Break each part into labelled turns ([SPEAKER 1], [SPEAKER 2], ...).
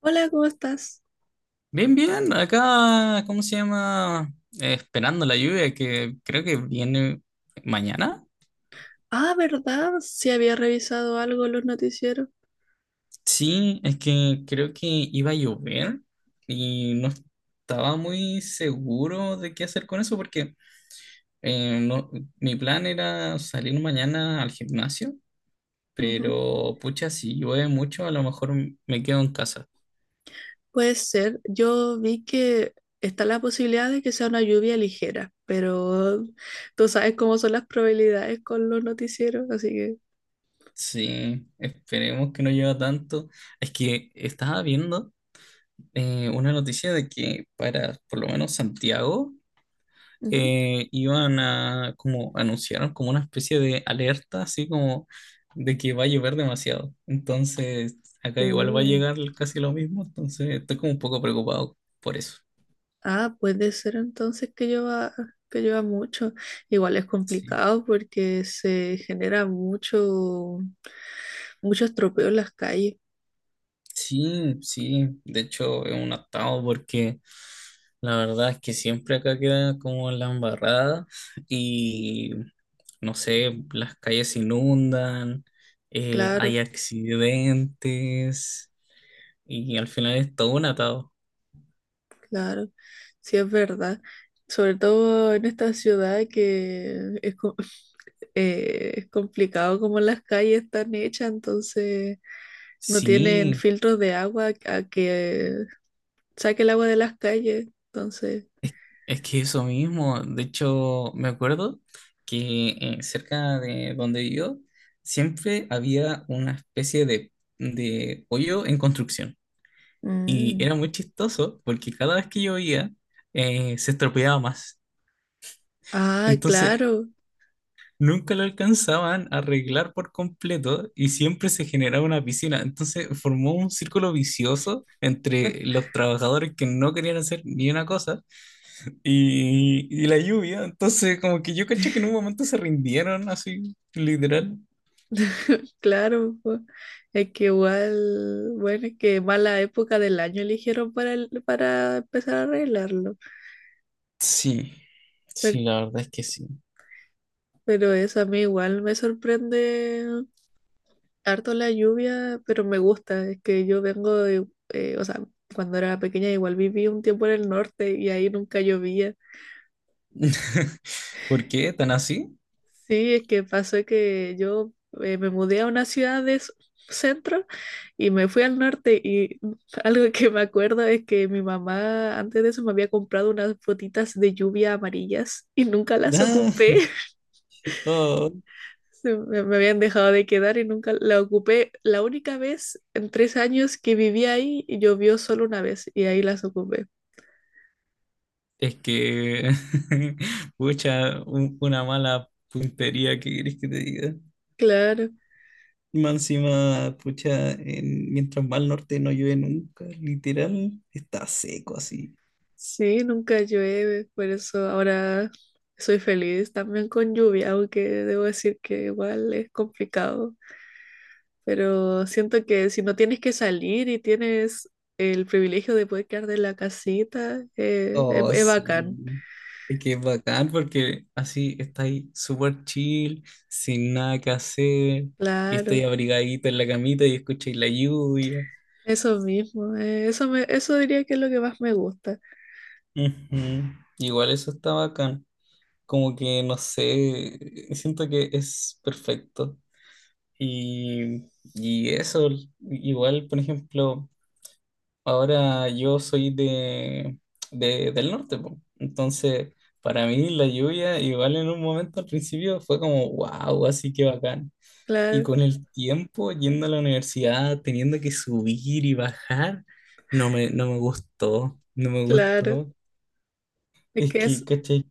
[SPEAKER 1] Hola, ¿cómo estás?
[SPEAKER 2] Bien, bien, acá, ¿cómo se llama? Esperando la lluvia que creo que viene mañana.
[SPEAKER 1] Ah, ¿verdad? Sí había revisado algo en los noticieros.
[SPEAKER 2] Sí, es que creo que iba a llover y no estaba muy seguro de qué hacer con eso porque no, mi plan era salir mañana al gimnasio,
[SPEAKER 1] Ujú.
[SPEAKER 2] pero pucha, si llueve mucho, a lo mejor me quedo en casa.
[SPEAKER 1] Puede ser. Yo vi que está la posibilidad de que sea una lluvia ligera, pero tú sabes cómo son las probabilidades con los noticieros, así que.
[SPEAKER 2] Sí, esperemos que no llueva tanto. Es que estaba viendo, una noticia de que para por lo menos Santiago
[SPEAKER 1] Ujú.
[SPEAKER 2] iban a, como anunciaron como una especie de alerta, así como de que va a llover demasiado. Entonces, acá igual va a
[SPEAKER 1] Uh,
[SPEAKER 2] llegar casi lo mismo, entonces estoy como un poco preocupado por eso.
[SPEAKER 1] ah, puede ser entonces que lleva mucho. Igual es
[SPEAKER 2] Sí.
[SPEAKER 1] complicado porque se genera mucho estropeo en las calles,
[SPEAKER 2] Sí, sí, de hecho es un atado porque la verdad es que siempre acá queda como la embarrada y no sé, las calles se inundan, hay
[SPEAKER 1] claro.
[SPEAKER 2] accidentes y al final es todo un atado.
[SPEAKER 1] Claro, sí es verdad. Sobre todo en esta ciudad que es, es complicado como las calles están hechas, entonces no tienen
[SPEAKER 2] Sí,
[SPEAKER 1] filtros de agua a que saque el agua de las calles. Entonces,
[SPEAKER 2] es que eso mismo, de hecho me acuerdo que cerca de donde yo siempre había una especie de hoyo en construcción. Y
[SPEAKER 1] mm.
[SPEAKER 2] era muy chistoso porque cada vez que llovía se estropeaba más.
[SPEAKER 1] Ah,
[SPEAKER 2] Entonces
[SPEAKER 1] claro,
[SPEAKER 2] nunca lo alcanzaban a arreglar por completo y siempre se generaba una piscina. Entonces formó un círculo vicioso entre los trabajadores que no querían hacer ni una cosa y la lluvia. Entonces como que yo caché que en un momento se rindieron así, literal.
[SPEAKER 1] claro, po. Es que igual, bueno, es que mala época del año eligieron para, para empezar a arreglarlo.
[SPEAKER 2] Sí,
[SPEAKER 1] Per-
[SPEAKER 2] sí, la verdad es que sí.
[SPEAKER 1] Pero, eso a mí igual me sorprende harto la lluvia, pero me gusta. Es que yo vengo de, o sea, cuando era pequeña igual viví un tiempo en el norte y ahí nunca llovía.
[SPEAKER 2] ¿Por qué tan así?
[SPEAKER 1] Sí, es que pasó que yo me mudé a una ciudad de centro y me fui al norte y algo que me acuerdo es que mi mamá antes de eso me había comprado unas botitas de lluvia amarillas y nunca las
[SPEAKER 2] Ah,
[SPEAKER 1] ocupé.
[SPEAKER 2] oh.
[SPEAKER 1] Me habían dejado de quedar y nunca la ocupé. La única vez en tres años que viví ahí, llovió solo una vez y ahí las ocupé.
[SPEAKER 2] Es que, pucha, una mala puntería, ¿qué querés que te diga?
[SPEAKER 1] Claro,
[SPEAKER 2] Más encima, pucha, mientras va al norte no llueve nunca, literal, está seco así.
[SPEAKER 1] sí, nunca llueve, por eso ahora soy feliz también con lluvia, aunque debo decir que igual es complicado. Pero siento que si no tienes que salir y tienes el privilegio de poder quedar de la casita, es,
[SPEAKER 2] Oh,
[SPEAKER 1] es bacán.
[SPEAKER 2] sí. Es que es bacán porque así estáis súper chill, sin nada que hacer, y
[SPEAKER 1] Claro,
[SPEAKER 2] estáis abrigadito en la camita y escucháis la lluvia.
[SPEAKER 1] eso mismo, eso diría que es lo que más me gusta.
[SPEAKER 2] Ujú. Igual eso está bacán. Como que, no sé, siento que es perfecto. Y, y eso, igual, por ejemplo, ahora yo soy del norte, po. Entonces, para mí la lluvia, igual en un momento al principio fue como, wow, así que bacán. Y
[SPEAKER 1] Claro.
[SPEAKER 2] con el tiempo, yendo a la universidad, teniendo que subir y bajar, no me gustó, no me
[SPEAKER 1] Claro,
[SPEAKER 2] gustó.
[SPEAKER 1] es
[SPEAKER 2] Es
[SPEAKER 1] que
[SPEAKER 2] que,
[SPEAKER 1] es,
[SPEAKER 2] ¿cachai?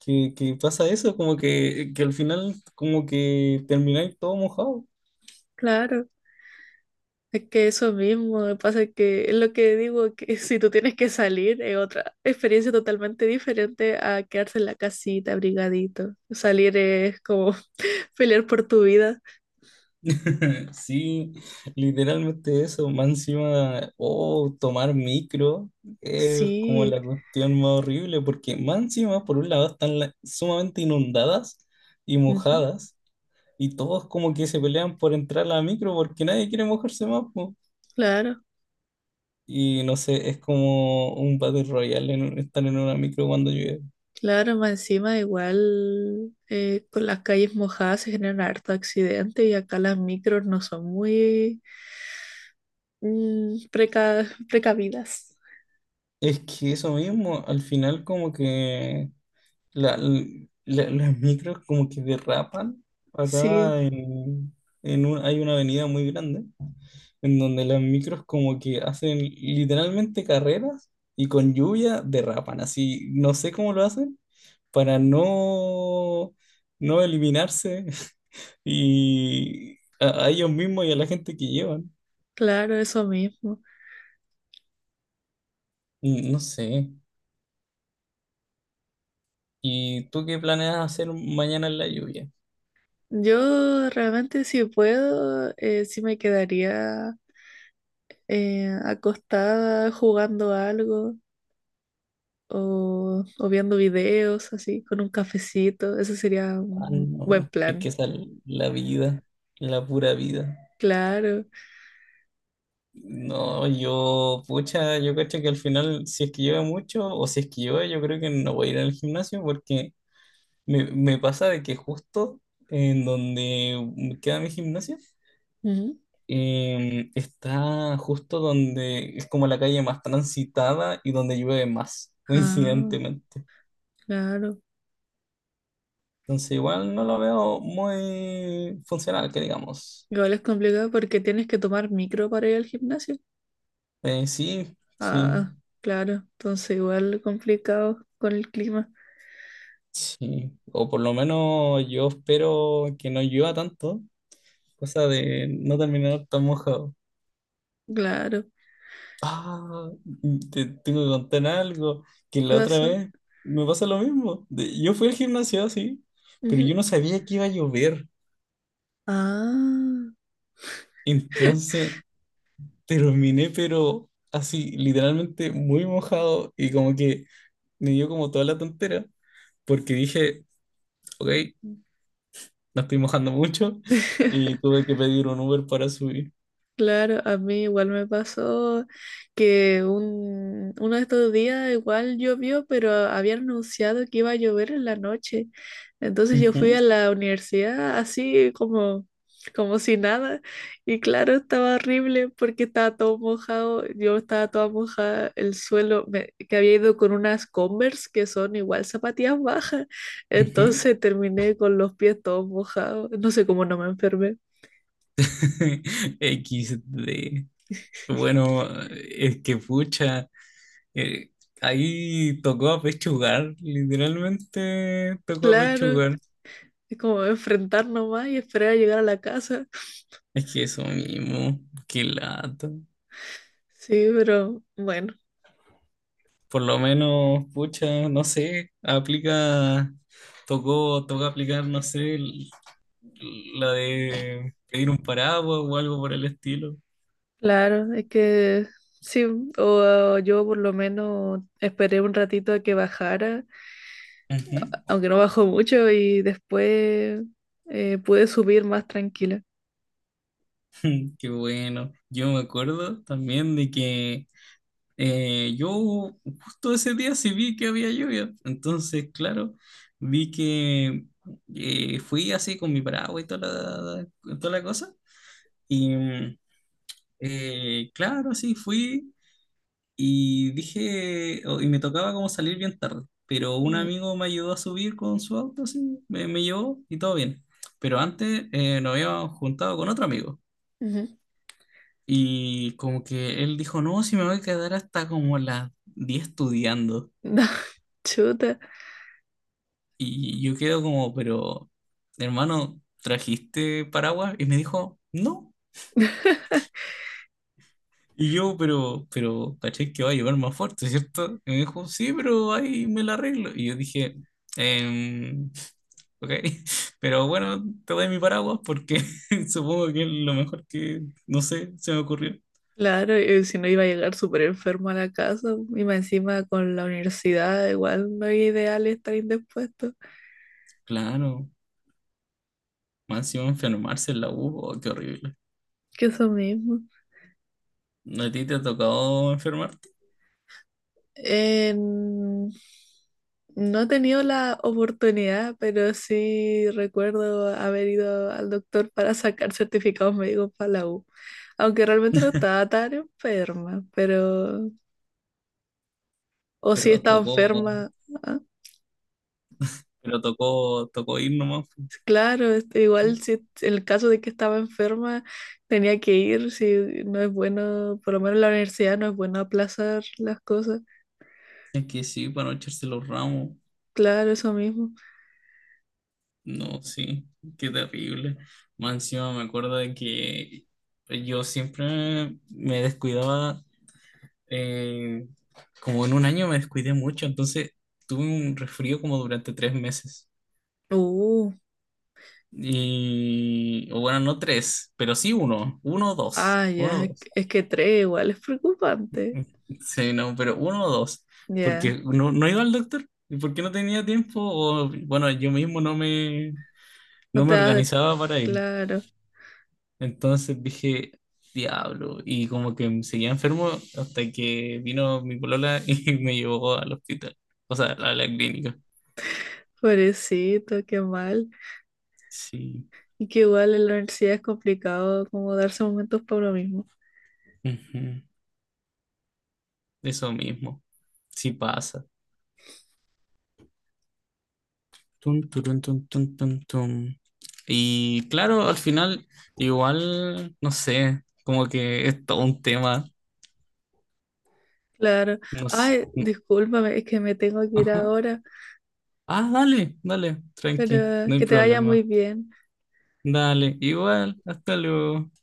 [SPEAKER 2] Que pasa eso, como que al final, como que termináis todo mojado.
[SPEAKER 1] claro, es que eso mismo, me pasa que es lo que digo, que si tú tienes que salir es otra experiencia totalmente diferente a quedarse en la casita abrigadito. Salir es como pelear por tu vida.
[SPEAKER 2] Sí, literalmente eso, más encima, oh, tomar micro es como
[SPEAKER 1] Sí,
[SPEAKER 2] la cuestión más horrible, porque más encima, por un lado, están sumamente inundadas y
[SPEAKER 1] ujú,
[SPEAKER 2] mojadas, y todos como que se pelean por entrar a la micro porque nadie quiere mojarse más, po.
[SPEAKER 1] claro,
[SPEAKER 2] Y no sé, es como un Battle Royale estar en una micro cuando llueve.
[SPEAKER 1] claro, más encima igual con las calles mojadas se generan harto accidente y acá las micros no son muy precavidas.
[SPEAKER 2] Es que eso mismo, al final como que las micros como que derrapan
[SPEAKER 1] Sí,
[SPEAKER 2] acá en hay una avenida muy grande en donde las micros como que hacen literalmente carreras y con lluvia derrapan. Así, no sé cómo lo hacen para no eliminarse y a ellos mismos y a la gente que llevan.
[SPEAKER 1] claro, eso mismo.
[SPEAKER 2] No sé. ¿Y tú qué planeas hacer mañana en la lluvia?
[SPEAKER 1] Yo realmente si puedo, sí me quedaría acostada jugando algo o viendo videos así con un cafecito. Ese sería
[SPEAKER 2] Ah,
[SPEAKER 1] un buen
[SPEAKER 2] no. Es que
[SPEAKER 1] plan.
[SPEAKER 2] esa es la vida, la pura vida.
[SPEAKER 1] Claro.
[SPEAKER 2] No, yo, pucha, yo cacho que al final, si es que llueve mucho o si es que llueve, yo creo que no voy a ir al gimnasio porque me pasa de que justo en donde queda mi gimnasio,
[SPEAKER 1] Ujú.
[SPEAKER 2] está justo donde es como la calle más transitada y donde llueve más,
[SPEAKER 1] Ah,
[SPEAKER 2] coincidentemente.
[SPEAKER 1] claro.
[SPEAKER 2] Entonces igual no lo veo muy funcional, que digamos.
[SPEAKER 1] Igual es complicado porque tienes que tomar micro para ir al gimnasio.
[SPEAKER 2] Sí, sí,
[SPEAKER 1] Ah, claro. Entonces igual complicado con el clima.
[SPEAKER 2] sí. O por lo menos yo espero que no llueva tanto, cosa de no terminar tan mojado.
[SPEAKER 1] Claro.
[SPEAKER 2] Ah, te tengo que contar algo, que
[SPEAKER 1] ¿Qué
[SPEAKER 2] la otra
[SPEAKER 1] pasó?
[SPEAKER 2] vez me pasa lo mismo. Yo fui al gimnasio, sí, pero
[SPEAKER 1] Ujú.
[SPEAKER 2] yo no sabía que iba a llover.
[SPEAKER 1] Ah.
[SPEAKER 2] Entonces terminé, pero así, literalmente muy mojado y como que me dio como toda la tontera, porque dije, ok, no estoy mojando mucho y tuve que pedir un Uber para subir.
[SPEAKER 1] Claro, a mí igual me pasó que uno de estos días igual llovió, pero habían anunciado que iba a llover en la noche. Entonces yo fui a
[SPEAKER 2] Ujú,
[SPEAKER 1] la universidad así como, como si nada. Y claro, estaba horrible porque estaba todo mojado. Yo estaba toda mojada, el suelo, me- que había ido con unas Converse que son igual zapatillas bajas.
[SPEAKER 2] ujú.
[SPEAKER 1] Entonces terminé con los pies todos mojados. No sé cómo no me enfermé.
[SPEAKER 2] XD. Bueno, es que pucha, eh, ahí tocó apechugar, literalmente tocó
[SPEAKER 1] Claro.
[SPEAKER 2] apechugar.
[SPEAKER 1] Es como enfrentar nomás y esperar a llegar a la casa.
[SPEAKER 2] Es que eso mismo, qué lata.
[SPEAKER 1] Sí, pero bueno,
[SPEAKER 2] Por lo menos, pucha, no sé, aplica, tocó aplicar, no sé, la de pedir un paraguas o algo por el estilo.
[SPEAKER 1] claro, es que sí, o yo por lo menos esperé un ratito a que bajara,
[SPEAKER 2] Ujú.
[SPEAKER 1] aunque no bajó mucho y después pude subir más tranquila.
[SPEAKER 2] Qué bueno. Yo me acuerdo también de que yo justo ese día sí vi que había lluvia, entonces, claro, vi que fui así con mi paraguas y toda la cosa, y claro, sí, fui y dije, y me tocaba como salir bien tarde, pero un
[SPEAKER 1] Ujú,
[SPEAKER 2] amigo me ayudó a subir con su auto, así, me llevó y todo bien, pero antes nos habíamos juntado con otro amigo.
[SPEAKER 1] ujú.
[SPEAKER 2] Y como que él dijo, no, si me voy a quedar hasta como las 10 estudiando.
[SPEAKER 1] No, chuta,
[SPEAKER 2] Y yo quedo como, pero, hermano, ¿trajiste paraguas? Y me dijo, no. Y yo, pero, caché que va a llover más fuerte, ¿cierto? Y me dijo, sí, pero ahí me la arreglo. Y yo dije, em, ok, pero bueno, te doy mi paraguas porque supongo que es lo mejor que, no sé, se me ocurrió.
[SPEAKER 1] claro, y si no iba a llegar súper enfermo a la casa y más encima con la universidad, igual no es ideal estar indispuesto,
[SPEAKER 2] Claro, más encima enfermarse en la U, oh, qué horrible.
[SPEAKER 1] que eso mismo.
[SPEAKER 2] No, ¿a ti te ha tocado enfermarte?
[SPEAKER 1] En- No he tenido la oportunidad, pero sí recuerdo haber ido al doctor para sacar certificados médicos para la U. Aunque realmente no estaba tan enferma, pero. O sí
[SPEAKER 2] Pero
[SPEAKER 1] estaba
[SPEAKER 2] tocó,
[SPEAKER 1] enferma. ah,
[SPEAKER 2] pero tocó ir nomás.
[SPEAKER 1] Claro, igual si en el caso de que estaba enferma tenía que ir, si no es bueno, por lo menos en la universidad no es bueno aplazar las cosas.
[SPEAKER 2] Es que sí, para no echarse los ramos.
[SPEAKER 1] Claro, eso mismo.
[SPEAKER 2] No, sí, qué terrible. Más encima me acuerdo de que yo siempre me descuidaba, eh, como en un año me descuidé mucho, entonces tuve un resfrío como durante 3 meses.
[SPEAKER 1] Uh,
[SPEAKER 2] Y, o bueno, no tres, pero sí uno, uno o dos,
[SPEAKER 1] Ah,
[SPEAKER 2] uno
[SPEAKER 1] ya,
[SPEAKER 2] o
[SPEAKER 1] es
[SPEAKER 2] dos.
[SPEAKER 1] que es que tres igual es preocupante.
[SPEAKER 2] Sí, no, pero uno o dos,
[SPEAKER 1] Ya,
[SPEAKER 2] porque no iba al doctor, y porque no tenía tiempo, o bueno, yo mismo no me,
[SPEAKER 1] no
[SPEAKER 2] no
[SPEAKER 1] te
[SPEAKER 2] me
[SPEAKER 1] das de.
[SPEAKER 2] organizaba para ir.
[SPEAKER 1] Claro,
[SPEAKER 2] Entonces dije, diablo, y como que seguía enfermo hasta que vino mi polola y me llevó al hospital, o sea, a la clínica.
[SPEAKER 1] pobrecito, qué mal.
[SPEAKER 2] Sí,
[SPEAKER 1] Y que igual en la universidad es complicado como darse momentos para uno mismo.
[SPEAKER 2] ujú. Eso mismo, sí pasa. Tum, turun, tum, tum, tum, tum. Y claro, al final, igual, no sé, como que es todo un tema.
[SPEAKER 1] Claro.
[SPEAKER 2] No s-
[SPEAKER 1] Ay,
[SPEAKER 2] n-
[SPEAKER 1] discúlpame, es que me tengo que ir
[SPEAKER 2] Ajá.
[SPEAKER 1] ahora,
[SPEAKER 2] Ah, dale, dale, tranqui,
[SPEAKER 1] pero
[SPEAKER 2] no hay
[SPEAKER 1] que te vaya
[SPEAKER 2] problema.
[SPEAKER 1] muy bien.
[SPEAKER 2] Dale, igual, hasta luego.